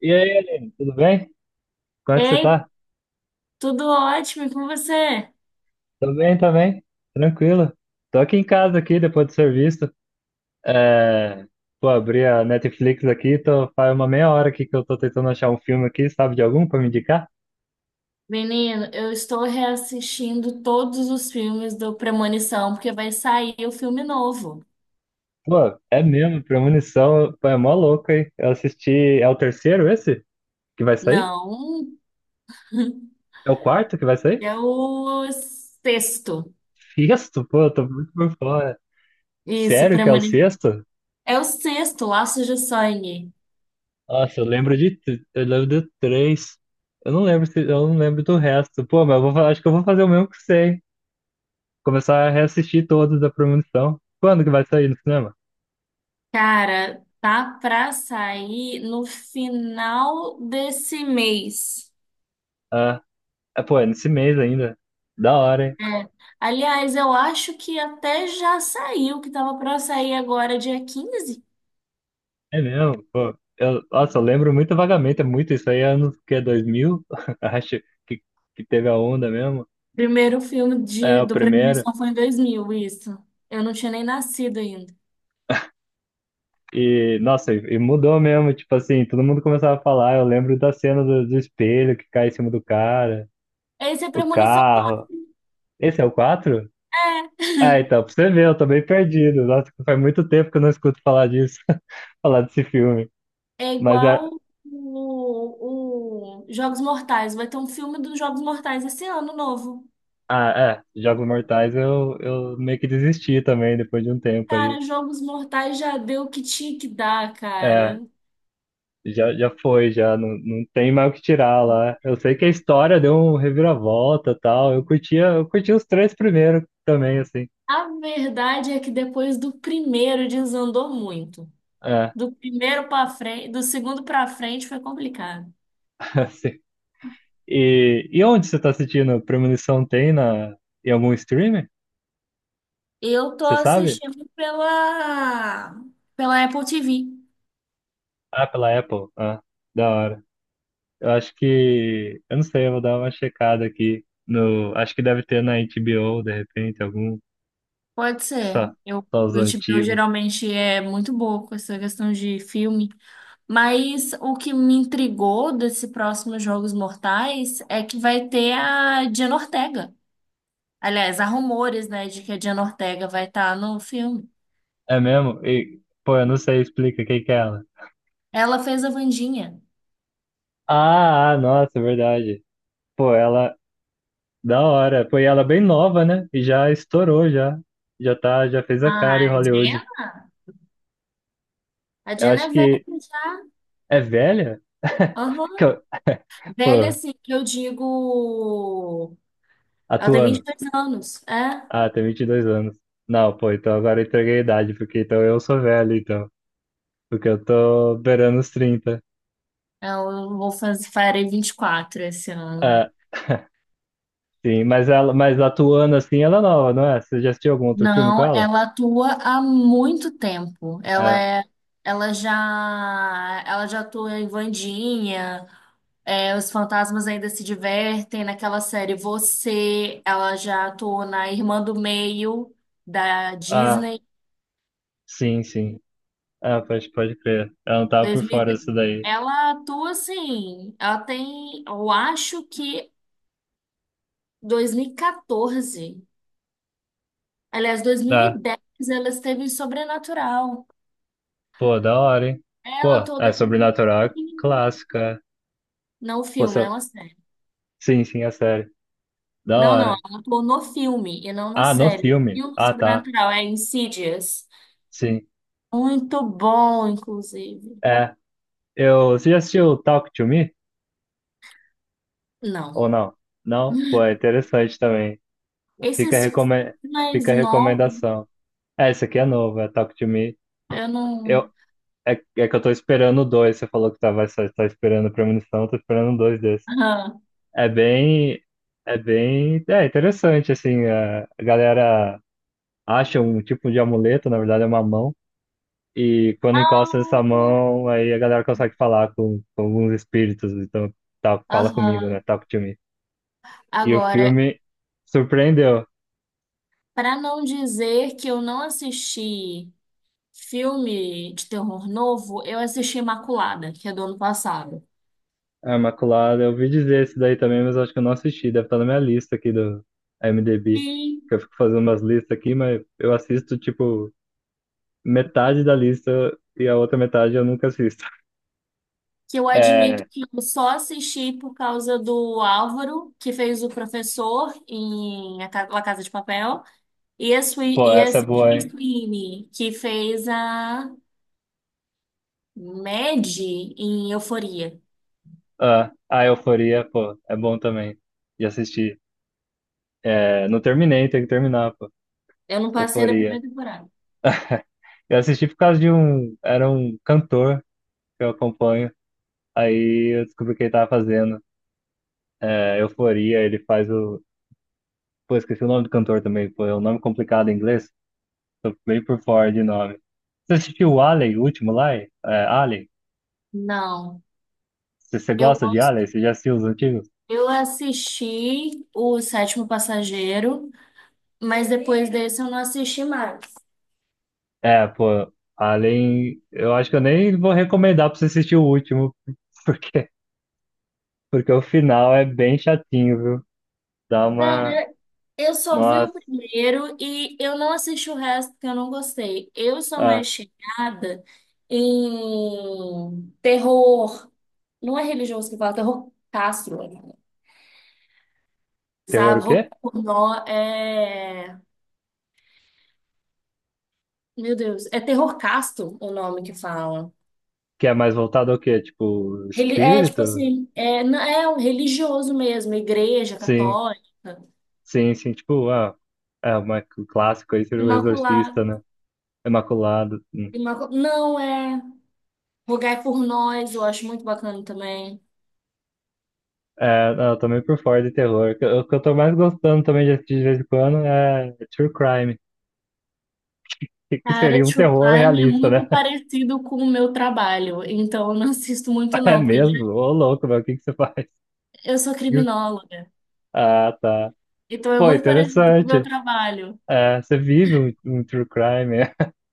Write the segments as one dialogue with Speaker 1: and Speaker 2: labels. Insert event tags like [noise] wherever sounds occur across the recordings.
Speaker 1: E aí, Aline, tudo bem? Como é que você
Speaker 2: Ei,
Speaker 1: tá?
Speaker 2: tudo ótimo, e com você?
Speaker 1: Tô bem também, tranquilo. Tô aqui em casa aqui depois do serviço. É... Pô, abri a Netflix aqui, faz uma meia hora aqui que eu tô tentando achar um filme aqui, sabe de algum pra me indicar?
Speaker 2: Menino, eu estou reassistindo todos os filmes do Premonição, porque vai sair o filme novo.
Speaker 1: Pô, é mesmo, Premonição, pô, é mó louco, hein? Eu assisti, é o terceiro esse que vai sair?
Speaker 2: Não, [laughs]
Speaker 1: É o quarto que vai sair?
Speaker 2: é o sexto.
Speaker 1: Sexto, pô, eu tô muito por fora.
Speaker 2: Isso,
Speaker 1: Sério que é o
Speaker 2: Premonição.
Speaker 1: sexto?
Speaker 2: É o sexto, Laços de Sangue.
Speaker 1: Nossa, eu lembro de três. Eu não lembro do resto. Pô, mas acho que eu vou fazer o mesmo que você, hein? Começar a reassistir todos da Premonição. Quando que vai sair no cinema?
Speaker 2: Cara, tá pra sair no final desse mês.
Speaker 1: Ah, é, pô, é nesse mês ainda. Da hora, hein?
Speaker 2: É. Aliás, eu acho que até já saiu, que tava pra sair agora, dia 15.
Speaker 1: É mesmo, pô. Nossa, eu lembro muito vagamente, é muito isso aí, é anos que é 2000 [laughs] acho que, que teve a onda mesmo.
Speaker 2: Primeiro filme
Speaker 1: É,
Speaker 2: de,
Speaker 1: o
Speaker 2: do
Speaker 1: primeiro.
Speaker 2: Premonição foi em 2000 isso. Eu não tinha nem nascido ainda.
Speaker 1: E, nossa, e mudou mesmo, tipo assim, todo mundo começava a falar. Eu lembro da cena do espelho que cai em cima do cara,
Speaker 2: Esse é
Speaker 1: o
Speaker 2: Premonição
Speaker 1: carro.
Speaker 2: 4.
Speaker 1: Esse é o 4? Ah, então, pra você ver, eu tô bem perdido. Nossa, faz muito tempo que eu não escuto falar disso, [laughs] falar desse filme.
Speaker 2: É, [laughs] é
Speaker 1: Mas é,
Speaker 2: igual o Jogos Mortais. Vai ter um filme dos Jogos Mortais esse ano novo.
Speaker 1: ah, é, Jogos Mortais eu meio que desisti também depois de um tempo aí.
Speaker 2: Cara, Jogos Mortais já deu o que tinha que dar,
Speaker 1: É,
Speaker 2: cara.
Speaker 1: já, já foi, já não tem mais o que tirar lá. Eu sei que a história deu um reviravolta e tal. Eu curti os três primeiros também, assim.
Speaker 2: A verdade é que depois do primeiro desandou muito.
Speaker 1: É,
Speaker 2: Do primeiro pra frente, do segundo pra frente foi complicado.
Speaker 1: [laughs] assim. E, onde você tá assistindo? Premonição tem em algum streamer?
Speaker 2: Eu tô
Speaker 1: Você sabe?
Speaker 2: assistindo pela Apple TV.
Speaker 1: Ah, pela Apple. Ah, da hora. Eu acho que. Eu não sei, eu vou dar uma checada aqui. No, acho que deve ter na HBO, de repente, algum.
Speaker 2: Pode
Speaker 1: Acho que
Speaker 2: ser.
Speaker 1: só,
Speaker 2: Eu,
Speaker 1: só os
Speaker 2: o HBO
Speaker 1: antigos.
Speaker 2: geralmente é muito boa com essa questão de filme. Mas o que me intrigou desse próximo Jogos Mortais é que vai ter a Diana Ortega. Aliás, há rumores, né, de que a Diana Ortega vai estar no filme.
Speaker 1: É mesmo? E, pô, eu não sei, explica quem que é ela.
Speaker 2: Ela fez a Wandinha.
Speaker 1: Ah, nossa, é verdade. Pô, ela. Da hora. Pô, e ela é bem nova, né? E já estourou, já. Já tá, já fez a cara em
Speaker 2: Ah, a
Speaker 1: Hollywood.
Speaker 2: Diana? A
Speaker 1: Eu
Speaker 2: Diana
Speaker 1: acho
Speaker 2: é
Speaker 1: que
Speaker 2: velha já.
Speaker 1: é velha?
Speaker 2: Aham.
Speaker 1: Que eu- [laughs]
Speaker 2: Velha,
Speaker 1: Pô,
Speaker 2: assim, que eu digo. Ela tem vinte e
Speaker 1: atuando.
Speaker 2: dois anos. É?
Speaker 1: Ah, tem 22 anos. Não, pô, então agora eu entreguei a idade, porque então eu sou velho, então. Porque eu tô beirando os 30.
Speaker 2: Eu vou fazer, farei 24 esse ano.
Speaker 1: É, sim, mas ela, mas atuando assim, ela é nova, não é? Você já assistiu algum outro filme com
Speaker 2: Não,
Speaker 1: ela?
Speaker 2: ela atua há muito tempo. Ela
Speaker 1: É.
Speaker 2: é, ela já, ela já atua em Wandinha, é, Os Fantasmas Ainda Se Divertem, naquela série Você, ela já atua na Irmã do Meio da
Speaker 1: Ah,
Speaker 2: Disney.
Speaker 1: sim, sim. Ah, pode crer. Ela não tava por fora
Speaker 2: 2000,
Speaker 1: disso daí.
Speaker 2: ela atua assim, ela tem, eu acho que 2014, aliás, dois mil e
Speaker 1: Ah,
Speaker 2: dez, ela esteve em Sobrenatural.
Speaker 1: pô, da hora, hein?
Speaker 2: Ela
Speaker 1: Pô,
Speaker 2: atua
Speaker 1: é
Speaker 2: desde
Speaker 1: Sobrenatural
Speaker 2: pequenininha.
Speaker 1: clássica.
Speaker 2: Não o
Speaker 1: Pô,
Speaker 2: filme, não a série.
Speaker 1: sim, sim, é sério. Da
Speaker 2: Não, não,
Speaker 1: hora.
Speaker 2: ela atuou no filme e não na
Speaker 1: Ah, no
Speaker 2: série.
Speaker 1: filme.
Speaker 2: Filme
Speaker 1: Ah, tá.
Speaker 2: sobrenatural, é Insidious.
Speaker 1: Sim.
Speaker 2: Muito bom, inclusive.
Speaker 1: É. Você já assistiu Talk to Me?
Speaker 2: Não.
Speaker 1: Ou não? Não? Pô, é interessante também. Fica,
Speaker 2: Esses
Speaker 1: recome...
Speaker 2: mais
Speaker 1: Fica a
Speaker 2: novos,
Speaker 1: recomendação. É, esse aqui é novo, é Talk to Me.
Speaker 2: eu
Speaker 1: Eu,
Speaker 2: não.
Speaker 1: é, é que eu tô esperando dois. Você falou que tava só esperando premonição, eu tô esperando dois desses.
Speaker 2: Aham.
Speaker 1: É bem. É bem. É interessante, assim. A galera acha um tipo de amuleto, na verdade é uma mão. E quando encosta nessa mão, aí a galera consegue falar com alguns espíritos. Então, tá,
Speaker 2: Ah,
Speaker 1: fala comigo, né?
Speaker 2: aham.
Speaker 1: Talk to me. E o
Speaker 2: Agora,
Speaker 1: filme surpreendeu.
Speaker 2: para não dizer que eu não assisti filme de terror novo, eu assisti Imaculada, que é do ano passado.
Speaker 1: A Imaculada, eu ouvi dizer esse daí também, mas eu acho que eu não assisti. Deve estar na minha lista aqui do IMDb.
Speaker 2: Sim.
Speaker 1: Que eu fico fazendo umas listas aqui, mas eu assisto, tipo, metade da lista e a outra metade eu nunca assisto. [laughs]
Speaker 2: Que eu admito
Speaker 1: É,
Speaker 2: que eu só assisti por causa do Álvaro, que fez o professor em A Ca- La Casa de Papel, e a Sui-
Speaker 1: pô,
Speaker 2: e a
Speaker 1: essa é boa,
Speaker 2: Sydney
Speaker 1: hein?
Speaker 2: Sweeney, que fez a Maddie em Euforia.
Speaker 1: Ah, a Euforia, pô, é bom também de assistir. É, não terminei, tem que terminar, pô.
Speaker 2: Eu não passei da
Speaker 1: Euforia.
Speaker 2: primeira temporada.
Speaker 1: Eu assisti por causa de um. Era um cantor que eu acompanho. Aí eu descobri o que ele tava fazendo. É, Euforia, ele faz o. Pô, esqueci o nome do cantor também, pô, é um nome complicado em inglês. Tô meio por fora de nome. Você assistiu o Alien, o último lá? É, Alien?
Speaker 2: Não.
Speaker 1: Você
Speaker 2: Eu
Speaker 1: gosta de
Speaker 2: gosto.
Speaker 1: Alien? Você já assistiu os antigos?
Speaker 2: Eu assisti o Sétimo Passageiro, mas depois desse eu não assisti mais.
Speaker 1: É, pô, Alien, eu acho que eu nem vou recomendar pra você assistir o último, [laughs] porque, porque o final é bem chatinho, viu? Dá uma.
Speaker 2: Eu só vi o
Speaker 1: Nossa.
Speaker 2: primeiro e eu não assisti o resto porque eu não gostei. Eu sou
Speaker 1: Ah,
Speaker 2: mais chegada em terror, não é religioso que fala, terror castro,
Speaker 1: terror o
Speaker 2: sabe? Terror
Speaker 1: quê?
Speaker 2: pornô é, meu Deus, é terror casto o nome que fala.
Speaker 1: Que é mais voltado ao quê? Tipo,
Speaker 2: Reli- é tipo
Speaker 1: espírito?
Speaker 2: assim, é, não- é um religioso mesmo, igreja
Speaker 1: Sim,
Speaker 2: católica,
Speaker 1: sim, sim. Tipo, ah, o clássico aí seria o
Speaker 2: imaculada,
Speaker 1: Exorcista, né? Imaculado, sim.
Speaker 2: imacu- não é, rogai por nós, eu acho muito bacana também.
Speaker 1: É, não, eu tô meio por fora de terror. O que eu tô mais gostando também de assistir de vez em quando é True Crime, que
Speaker 2: Cara,
Speaker 1: seria um
Speaker 2: True
Speaker 1: terror
Speaker 2: Crime é
Speaker 1: realista, né?
Speaker 2: muito
Speaker 1: [laughs]
Speaker 2: parecido com o meu trabalho, então eu não assisto muito
Speaker 1: É
Speaker 2: não, porque já-
Speaker 1: mesmo? Ô louco, meu, o que que você faz?
Speaker 2: eu sou
Speaker 1: [laughs]
Speaker 2: criminóloga,
Speaker 1: Ah, tá.
Speaker 2: então é
Speaker 1: Pô,
Speaker 2: muito parecido com o meu
Speaker 1: interessante.
Speaker 2: trabalho.
Speaker 1: É, você vive um True Crime. [laughs]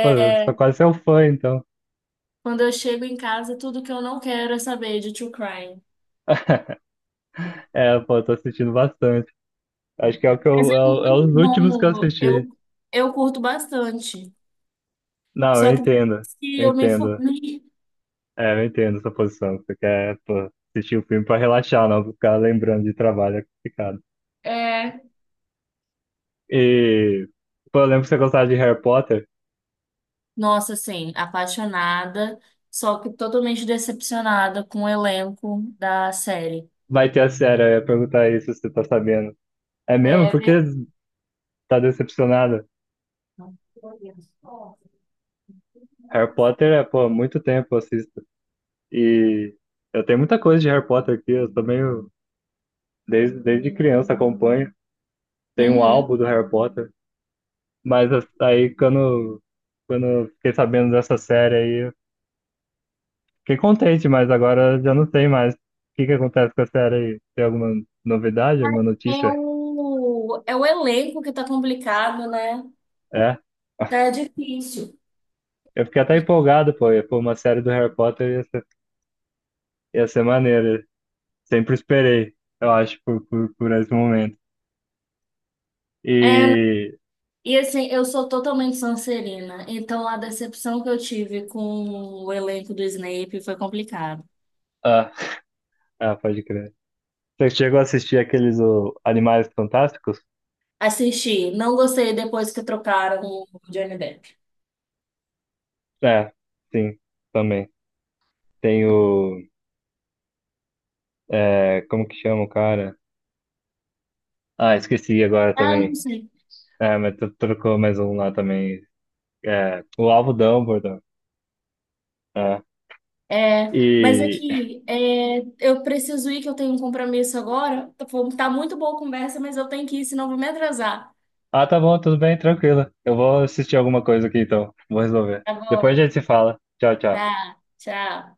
Speaker 1: Pô, eu sou quase seu fã, então.
Speaker 2: quando eu chego em casa, tudo que eu não quero é saber de True Crime.
Speaker 1: [laughs] É, pô, eu tô assistindo bastante. Acho que é o que
Speaker 2: Mas é
Speaker 1: é
Speaker 2: muito
Speaker 1: os últimos que eu
Speaker 2: bom,
Speaker 1: assisti.
Speaker 2: eu curto bastante.
Speaker 1: Não, eu
Speaker 2: Só que
Speaker 1: entendo.
Speaker 2: depois que
Speaker 1: Eu
Speaker 2: eu me
Speaker 1: entendo.
Speaker 2: formei,
Speaker 1: É, eu entendo essa posição. Você quer, pô, assistir o filme pra relaxar, não ficar lembrando de trabalho é complicado.
Speaker 2: é,
Speaker 1: E, pô, eu lembro que você gostava de Harry Potter.
Speaker 2: nossa, assim, apaixonada, só que totalmente decepcionada com o elenco da série.
Speaker 1: Vai ter a série, eu ia perguntar isso se você tá sabendo. É mesmo? Por que
Speaker 2: É
Speaker 1: tá decepcionada?
Speaker 2: verdade.
Speaker 1: Harry Potter é, pô, há muito tempo eu assisto. E eu tenho muita coisa de Harry Potter aqui, eu também, desde criança acompanho. Tem um
Speaker 2: Uhum.
Speaker 1: álbum do Harry Potter. Mas aí, quando eu fiquei sabendo dessa série aí, fiquei contente, mas agora já não sei mais. O que que acontece com a série aí? Tem alguma novidade, alguma
Speaker 2: É
Speaker 1: notícia?
Speaker 2: o elenco que tá complicado, né?
Speaker 1: É?
Speaker 2: Tá difícil.
Speaker 1: Eu fiquei até empolgado, pô. Pô, uma série do Harry Potter ia ser maneira. Sempre esperei, eu acho, por esse momento.
Speaker 2: É,
Speaker 1: E.
Speaker 2: e assim, eu sou totalmente Sonserina, então a decepção que eu tive com o elenco do Snape foi complicado.
Speaker 1: Ah, [laughs] pode crer. Você chegou a assistir Animais Fantásticos?
Speaker 2: Assisti, não gostei depois que trocaram o Johnny Depp.
Speaker 1: É, sim, também. Tem o. É, como que chama o cara? Ah, esqueci agora
Speaker 2: Ah, não
Speaker 1: também.
Speaker 2: sei.
Speaker 1: É, mas trocou mais um lá também. É, o Alvo Dumbledore. É.
Speaker 2: É, mas
Speaker 1: E.
Speaker 2: aqui, é, eu preciso ir, que eu tenho um compromisso agora. Tá muito boa a conversa, mas eu tenho que ir, senão eu vou me atrasar.
Speaker 1: Ah, tá bom, tudo bem, tranquilo. Eu vou assistir alguma coisa aqui então. Vou resolver.
Speaker 2: Tá
Speaker 1: Depois a
Speaker 2: bom,
Speaker 1: gente se fala. Tchau, tchau.
Speaker 2: tá, tchau.